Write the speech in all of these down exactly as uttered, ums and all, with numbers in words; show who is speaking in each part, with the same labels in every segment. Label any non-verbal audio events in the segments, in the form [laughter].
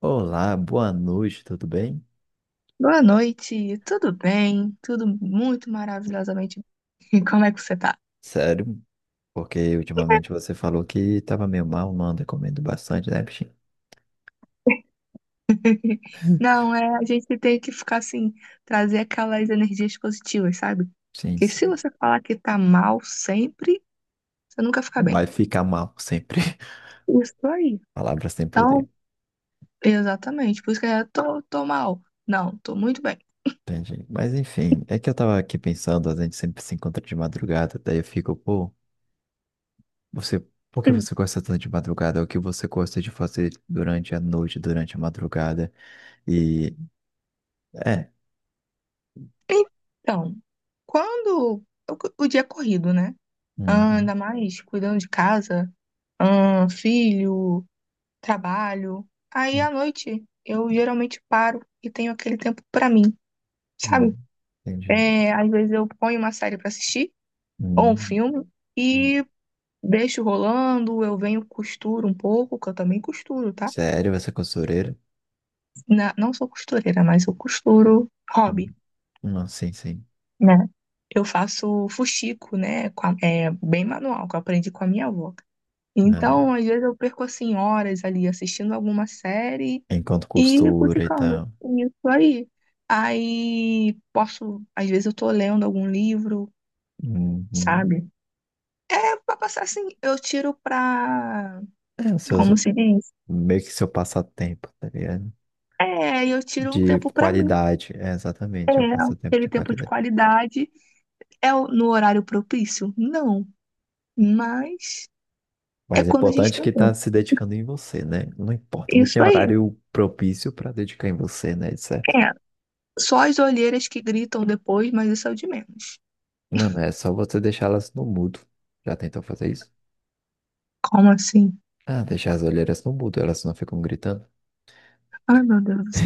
Speaker 1: Olá, boa noite, tudo bem?
Speaker 2: Boa noite, tudo bem? Tudo muito maravilhosamente bem. [laughs] Como é que você tá?
Speaker 1: Sério? Porque ultimamente você falou que tava meio mal, não anda comendo bastante, né, bichinho?
Speaker 2: [laughs] Não, é, a gente tem que ficar assim, trazer aquelas energias positivas, sabe?
Speaker 1: Sim,
Speaker 2: Porque se
Speaker 1: sim.
Speaker 2: você falar que tá mal sempre, você nunca fica
Speaker 1: Vai
Speaker 2: bem.
Speaker 1: ficar mal sempre. [laughs]
Speaker 2: Isso aí.
Speaker 1: Palavras sem poder,
Speaker 2: Então, exatamente, por isso que eu tô, tô mal. Não, tô muito bem.
Speaker 1: entendi. Mas enfim, é que eu tava aqui pensando, a gente sempre se encontra de madrugada, daí eu fico, pô, você, por que
Speaker 2: Hum.
Speaker 1: você gosta tanto de madrugada? É o que você gosta de fazer durante a noite, durante a madrugada? E é.
Speaker 2: Então, quando o, o dia é corrido, né? Ah,
Speaker 1: Uhum,
Speaker 2: ainda mais cuidando de casa, ah, filho. Trabalho. Aí à noite eu geralmente paro e tenho aquele tempo pra mim, sabe?
Speaker 1: uhum, entendi.
Speaker 2: É, às vezes eu ponho uma série pra assistir ou um
Speaker 1: Uhum,
Speaker 2: filme
Speaker 1: uhum.
Speaker 2: e deixo rolando, eu venho costuro um pouco, que eu também costuro, tá?
Speaker 1: Sério, você é costureira?
Speaker 2: Na- não sou costureira, mas eu costuro hobby,
Speaker 1: Hum. Não, sim, sim.
Speaker 2: né? Eu faço fuxico, né? Com a- é bem manual, que eu aprendi com a minha avó. Então, às vezes eu perco assim horas ali assistindo alguma série.
Speaker 1: É, enquanto
Speaker 2: E fui
Speaker 1: costura e
Speaker 2: ficando
Speaker 1: tal.
Speaker 2: nisso aí. Aí posso, às vezes eu tô lendo algum livro,
Speaker 1: Uhum.
Speaker 2: sabe? É pra passar assim, eu tiro pra,
Speaker 1: É, o seu,
Speaker 2: como se diz?
Speaker 1: meio que seu passatempo, tá ligado?
Speaker 2: É, eu tiro um
Speaker 1: De
Speaker 2: tempo pra mim.
Speaker 1: qualidade, é,
Speaker 2: É,
Speaker 1: exatamente, é um passatempo
Speaker 2: aquele
Speaker 1: de
Speaker 2: tempo de
Speaker 1: qualidade.
Speaker 2: qualidade. É o- no horário propício? Não, mas é
Speaker 1: Mas é
Speaker 2: quando a gente
Speaker 1: importante
Speaker 2: tem
Speaker 1: que tá
Speaker 2: tempo.
Speaker 1: se dedicando em você, né? Não importa, não
Speaker 2: Isso
Speaker 1: tem
Speaker 2: aí.
Speaker 1: horário propício pra dedicar em você, né? Certo?
Speaker 2: É, só as olheiras que gritam depois, mas isso é o de menos.
Speaker 1: Mano, é só você deixá-las no mudo. Já tentou fazer isso?
Speaker 2: Como assim?
Speaker 1: Ah, deixar as olheiras no mudo, elas não ficam gritando.
Speaker 2: Ai, meu Deus.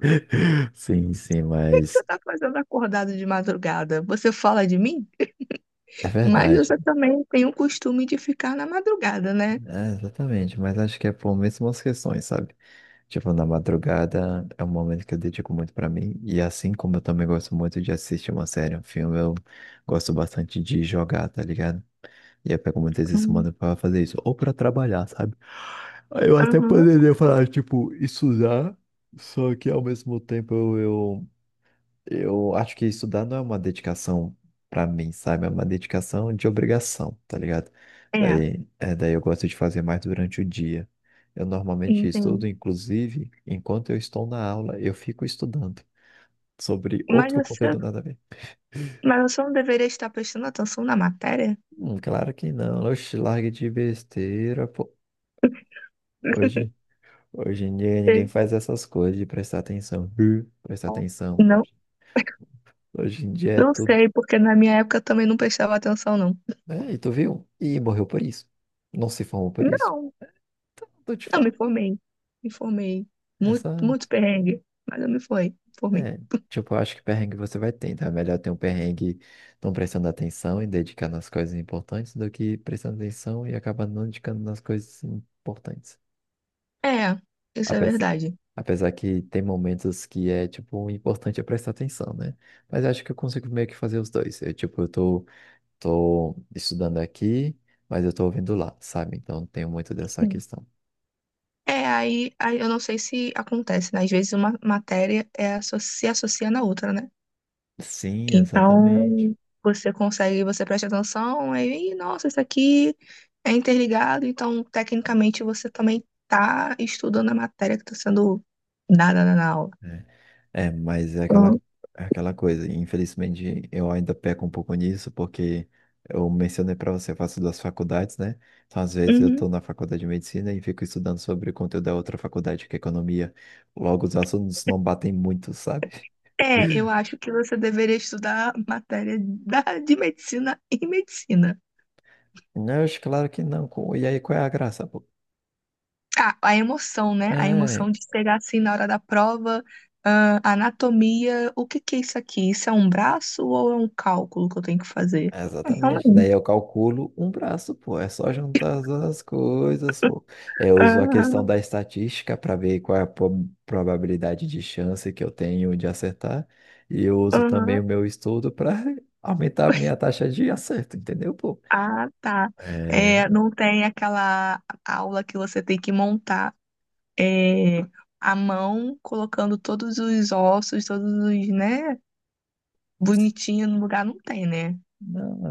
Speaker 1: [laughs] Sim, sim,
Speaker 2: que que você
Speaker 1: mas
Speaker 2: está fazendo acordado de madrugada? Você fala de mim?
Speaker 1: é
Speaker 2: Mas
Speaker 1: verdade.
Speaker 2: você também tem o costume de ficar na madrugada, né?
Speaker 1: É, exatamente, mas acho que é por mesmas questões, sabe? Tipo, na madrugada é um momento que eu dedico muito pra mim, e assim como eu também gosto muito de assistir uma série, um filme, eu gosto bastante de jogar, tá ligado? E eu pego muitas vezes
Speaker 2: Hum.
Speaker 1: semana pra fazer isso, ou pra trabalhar, sabe? Aí Eu até
Speaker 2: Aham.
Speaker 1: poderia falar, tipo, estudar, só que ao mesmo tempo eu, eu eu acho que estudar não é uma dedicação pra mim, sabe? É uma dedicação de obrigação, tá ligado?
Speaker 2: É,
Speaker 1: Daí, é, daí eu gosto de fazer mais durante o dia. Eu normalmente
Speaker 2: entendi.
Speaker 1: estudo, inclusive, enquanto eu estou na aula, eu fico estudando sobre
Speaker 2: Mas
Speaker 1: outro
Speaker 2: você,
Speaker 1: conteúdo nada a ver.
Speaker 2: mas você não deveria estar prestando atenção na matéria?
Speaker 1: Hum, claro que não. Oxe, largue de besteira, pô. Hoje, hoje em dia ninguém
Speaker 2: Você-
Speaker 1: faz essas coisas de prestar atenção. Hum. Prestar atenção.
Speaker 2: Não,
Speaker 1: Hoje, hoje em dia é
Speaker 2: não
Speaker 1: tudo.
Speaker 2: sei, porque na minha época eu também não prestava atenção, não.
Speaker 1: É, e tu viu? E morreu por isso. Não se formou por isso.
Speaker 2: Não,
Speaker 1: Tô te
Speaker 2: não me
Speaker 1: falando.
Speaker 2: formei. Me formei. Muito,
Speaker 1: Essa,
Speaker 2: muito perrengue, mas eu me fui, formei.
Speaker 1: é, tipo, eu acho que perrengue você vai ter, então é melhor ter um perrengue não prestando atenção e dedicar nas coisas importantes do que prestando atenção e acabar não dedicando nas coisas importantes.
Speaker 2: É, isso é
Speaker 1: Apesar,
Speaker 2: verdade.
Speaker 1: apesar que tem momentos que é, tipo, o importante é prestar atenção, né? Mas acho que eu consigo meio que fazer os dois. Eu, tipo, eu tô, tô estudando aqui, mas eu tô ouvindo lá, sabe? Então tenho muito dessa questão.
Speaker 2: É, aí, aí eu não sei se acontece, né? Às vezes uma matéria é, asso- se associa na outra, né?
Speaker 1: Sim, exatamente.
Speaker 2: Então, você consegue, você presta atenção, aí, "Ih, nossa, isso aqui é interligado, então, tecnicamente, você também tá estudando a matéria que está sendo dada na na aula.
Speaker 1: É, mas é aquela,
Speaker 2: Então,
Speaker 1: é aquela coisa. Infelizmente, eu ainda peco um pouco nisso, porque eu mencionei para você, eu faço duas faculdades, né? Então, às vezes, eu
Speaker 2: uhum.
Speaker 1: estou na faculdade de medicina e fico estudando sobre o conteúdo da outra faculdade, que é economia. Logo, os assuntos não batem muito, sabe?
Speaker 2: É, eu acho que você deveria estudar matéria da, de medicina e medicina.
Speaker 1: Não, acho claro que não. co- E aí, qual é a graça, pô?
Speaker 2: Ah, a emoção, né? A
Speaker 1: É,
Speaker 2: emoção de pegar assim na hora da prova, ah, anatomia, o que que é isso aqui? Isso é um braço ou é um cálculo que eu tenho que fazer?
Speaker 1: é,
Speaker 2: É,
Speaker 1: exatamente.
Speaker 2: realmente.
Speaker 1: Daí eu calculo um braço, pô. É só juntar as coisas, pô. Eu uso a questão
Speaker 2: Aham,
Speaker 1: da estatística para ver qual é a po- probabilidade de chance que eu tenho de acertar. E eu uso também
Speaker 2: aham.
Speaker 1: o meu estudo para [laughs] aumentar a minha taxa de acerto, entendeu, pô?
Speaker 2: Ah, tá.
Speaker 1: É,
Speaker 2: É, não tem aquela aula que você tem que montar é, a mão, colocando todos os ossos, todos os, né, bonitinho no lugar, não tem, né?
Speaker 1: não, na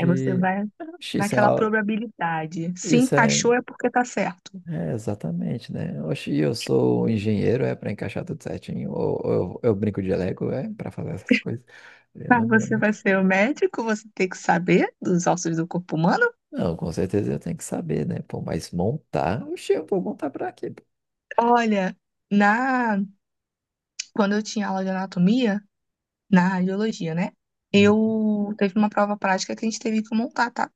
Speaker 2: Aí você vai
Speaker 1: oxi, isso é,
Speaker 2: naquela
Speaker 1: a-
Speaker 2: probabilidade. Se
Speaker 1: isso é,
Speaker 2: encaixou é porque tá certo.
Speaker 1: é exatamente, né? Oxi, eu sou um engenheiro, é para encaixar tudo certinho, ou, ou eu, eu brinco de Lego, é para fazer essas coisas. Eu
Speaker 2: Mas você
Speaker 1: não.
Speaker 2: vai ser o médico, você tem que saber dos ossos do corpo humano?
Speaker 1: Não, com certeza eu tenho que saber, né? Pô, mas montar, oxe, eu vou montar pra quê, pô?
Speaker 2: Olha, na quando eu tinha aula de anatomia, na radiologia, né?
Speaker 1: Hum.
Speaker 2: Eu teve uma prova prática que a gente teve que montar, tá?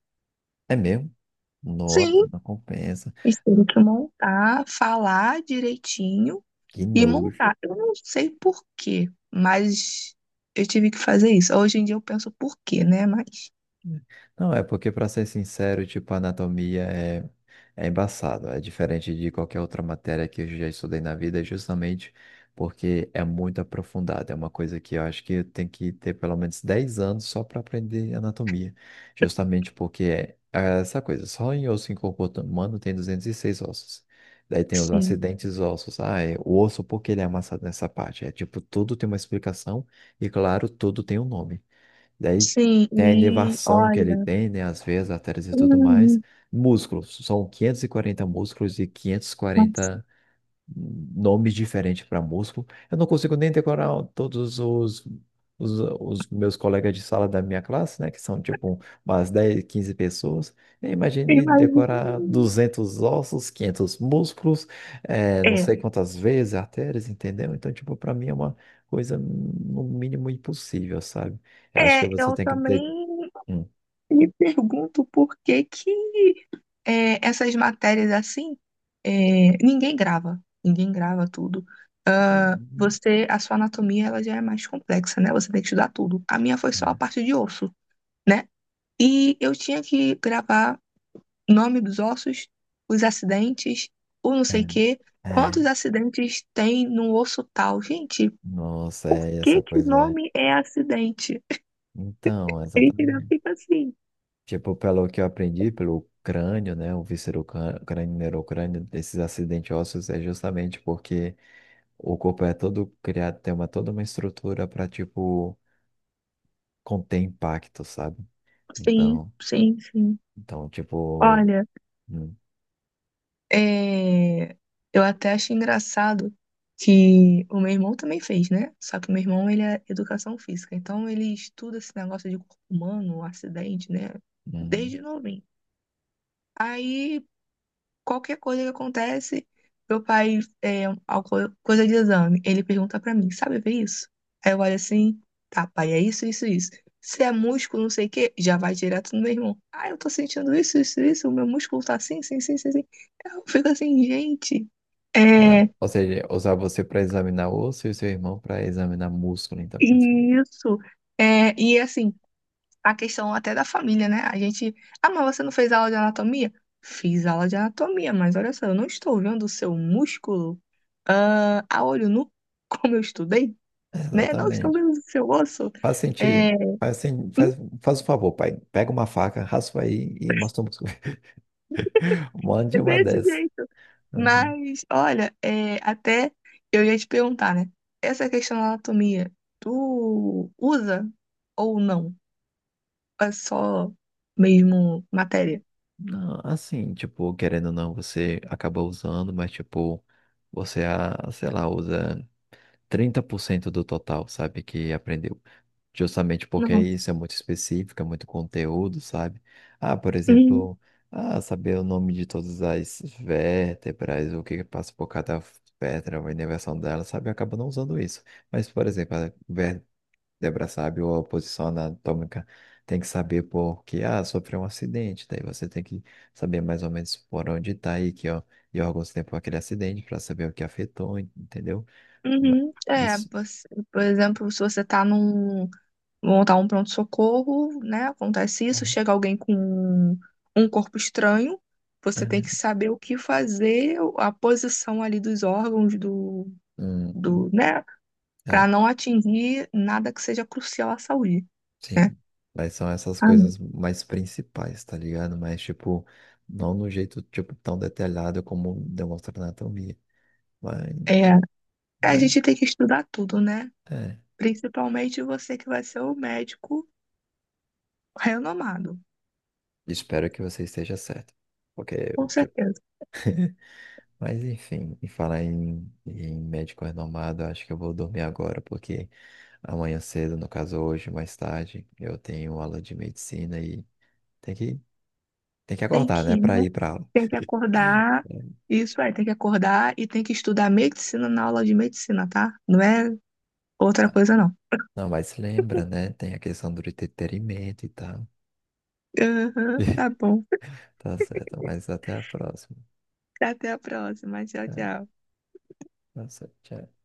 Speaker 1: É mesmo? Nossa,
Speaker 2: Sim,
Speaker 1: não compensa.
Speaker 2: a gente teve
Speaker 1: Ah,
Speaker 2: que montar, falar direitinho
Speaker 1: que
Speaker 2: e
Speaker 1: nojo.
Speaker 2: montar. Eu não sei por quê, mas eu tive que fazer isso. Hoje em dia eu penso por quê, né? Mas
Speaker 1: Não, é porque, para ser sincero, tipo, a anatomia é, é embaçado. É diferente de qualquer outra matéria que eu já estudei na vida, justamente porque é muito aprofundada. É uma coisa que eu acho que eu tenho que ter pelo menos dez anos só para aprender anatomia. Justamente porque é é essa coisa. Só em osso em corpo humano tem duzentos e seis ossos. Daí tem os
Speaker 2: sim,
Speaker 1: acidentes ossos. Ah, é o osso porque ele é amassado nessa parte. É tipo, tudo tem uma explicação e, claro, tudo tem um nome. Daí
Speaker 2: sim,
Speaker 1: tem a
Speaker 2: e
Speaker 1: inervação que ele
Speaker 2: olha,
Speaker 1: tem, né? As veias, artérias
Speaker 2: [laughs]
Speaker 1: e tudo mais.
Speaker 2: hum,
Speaker 1: Músculos, são quinhentos e quarenta músculos e quinhentos e
Speaker 2: nossa,
Speaker 1: quarenta nomes diferentes para músculo. Eu não consigo nem decorar todos os, os, os meus colegas de sala da minha classe, né? Que são tipo umas dez, quinze pessoas. Eu imagine
Speaker 2: imagina.
Speaker 1: decorar
Speaker 2: Né?
Speaker 1: duzentos ossos, quinhentos músculos, eh, não
Speaker 2: É.
Speaker 1: sei quantas vezes, artérias, entendeu? Então, tipo, para mim é uma coisa no mínimo impossível, sabe? Eu acho que
Speaker 2: É,
Speaker 1: você
Speaker 2: eu
Speaker 1: tem que ter...
Speaker 2: também
Speaker 1: Hum.
Speaker 2: me pergunto por que que é, essas matérias assim, é, ninguém grava, ninguém grava tudo.
Speaker 1: É,
Speaker 2: Ah, você, a sua anatomia, ela já é mais complexa, né? Você tem que estudar tudo. A minha foi só a parte de osso, né? E eu tinha que gravar nome dos ossos, os acidentes, o não
Speaker 1: é,
Speaker 2: sei o
Speaker 1: é.
Speaker 2: quê,
Speaker 1: É,
Speaker 2: quantos acidentes tem no osso tal. Gente,
Speaker 1: nossa, é essa
Speaker 2: que que o
Speaker 1: coisa. É.
Speaker 2: nome é acidente?
Speaker 1: Então,
Speaker 2: Ele
Speaker 1: exatamente.
Speaker 2: fica assim.
Speaker 1: Tipo, pelo que eu aprendi, pelo crânio, né? O víscero-crânio, neurocrânio, desses acidentes ósseos é justamente porque o corpo é todo criado, tem uma, toda uma estrutura para, tipo, conter impacto, sabe?
Speaker 2: Sim,
Speaker 1: Então,
Speaker 2: sim, sim.
Speaker 1: então tipo.
Speaker 2: Olha,
Speaker 1: Hum,
Speaker 2: é, eu até acho engraçado que o meu irmão também fez, né? Só que o meu irmão, ele é educação física, então ele estuda esse negócio de corpo humano, um acidente, né?
Speaker 1: uhum.
Speaker 2: Desde novinho. Aí qualquer coisa que acontece, meu pai, é, alguma coisa de exame, ele pergunta pra mim, sabe ver isso? Aí eu olho assim, tá, pai, é isso, isso, isso. Se é músculo, não sei o quê, já vai direto no meu irmão. Ah, eu tô sentindo isso, isso, isso, o meu músculo tá assim, assim, assim, assim. assim. Eu fico assim, gente,
Speaker 1: Caramba.
Speaker 2: é
Speaker 1: Ou seja, usar você para examinar osso e o seu irmão para examinar músculo, então. Como se-
Speaker 2: isso. É, e assim, a questão até da família, né? A gente. Ah, mas você não fez aula de anatomia? Fiz aula de anatomia, mas olha só, eu não estou vendo o seu músculo ah, a olho nu, [laughs] como eu estudei, né? Não estou
Speaker 1: Exatamente.
Speaker 2: vendo o seu osso.
Speaker 1: Faz
Speaker 2: É,
Speaker 1: sentido.
Speaker 2: é
Speaker 1: Faz, sen- faz, faz o favor, pai. Pega uma faca, raspa aí e mostra um músculo. [laughs] Mande uma
Speaker 2: desse
Speaker 1: dessa.
Speaker 2: jeito.
Speaker 1: Uhum.
Speaker 2: Mas, olha, é, até eu ia te perguntar, né? Essa questão da anatomia, tu usa ou não? É só mesmo matéria?
Speaker 1: Não, assim, tipo, querendo ou não, você acaba usando, mas, tipo, você, ah, sei lá, usa trinta por cento do total, sabe, que aprendeu. Justamente porque
Speaker 2: Não.
Speaker 1: isso é muito específico, é muito conteúdo, sabe? Ah, por
Speaker 2: "Uhum."
Speaker 1: exemplo, ah, saber o nome de todas as vértebras, o que que passa por cada vértebra, a inervação dela, sabe? Acaba não usando isso. Mas, por exemplo, a vértebra, sabe, ou a posição anatômica, tem que saber por que, ah, sofreu um acidente, daí você tem que saber mais ou menos por onde está e que ó, e órgãos tempo aquele acidente para saber o que afetou, entendeu?
Speaker 2: Uhum. É,
Speaker 1: Isso.
Speaker 2: você- por exemplo, se você tá num, montar um pronto-socorro, né? Acontece isso, chega alguém com um um corpo estranho, você tem que
Speaker 1: É,
Speaker 2: saber o que fazer, a posição ali dos órgãos do, do,
Speaker 1: uhum,
Speaker 2: né? Para
Speaker 1: é,
Speaker 2: não atingir nada que seja crucial à saúde, né?
Speaker 1: sim. Mas são essas
Speaker 2: Ah,
Speaker 1: coisas mais principais, tá ligado? Mas, tipo, não no jeito, tipo, tão detalhado como demonstra na anatomia. Mas,
Speaker 2: é, a gente
Speaker 1: mas,
Speaker 2: tem que estudar tudo, né?
Speaker 1: é.
Speaker 2: Principalmente você que vai ser o médico renomado,
Speaker 1: Espero que você esteja certo. Porque,
Speaker 2: com
Speaker 1: tipo,
Speaker 2: certeza.
Speaker 1: mas, enfim, e falar em, em médico renomado, eu acho que eu vou dormir agora, porque amanhã cedo, no caso hoje, mais tarde, eu tenho aula de medicina e tem que, tem que
Speaker 2: Tem
Speaker 1: acordar,
Speaker 2: que
Speaker 1: né,
Speaker 2: ir,
Speaker 1: pra
Speaker 2: né?
Speaker 1: ir pra aula.
Speaker 2: Tem que acordar.
Speaker 1: [laughs]
Speaker 2: Isso é, tem que acordar e tem que estudar medicina na aula de medicina, tá? Não é outra coisa, não.
Speaker 1: Não, mas lembra, né? Tem a questão do entretenimento e tal.
Speaker 2: [laughs] Aham, tá
Speaker 1: [laughs]
Speaker 2: bom. [laughs]
Speaker 1: Tá certo, mas até a próxima.
Speaker 2: Até a próxima. Tchau,
Speaker 1: É,
Speaker 2: tchau.
Speaker 1: tá certo, tchau.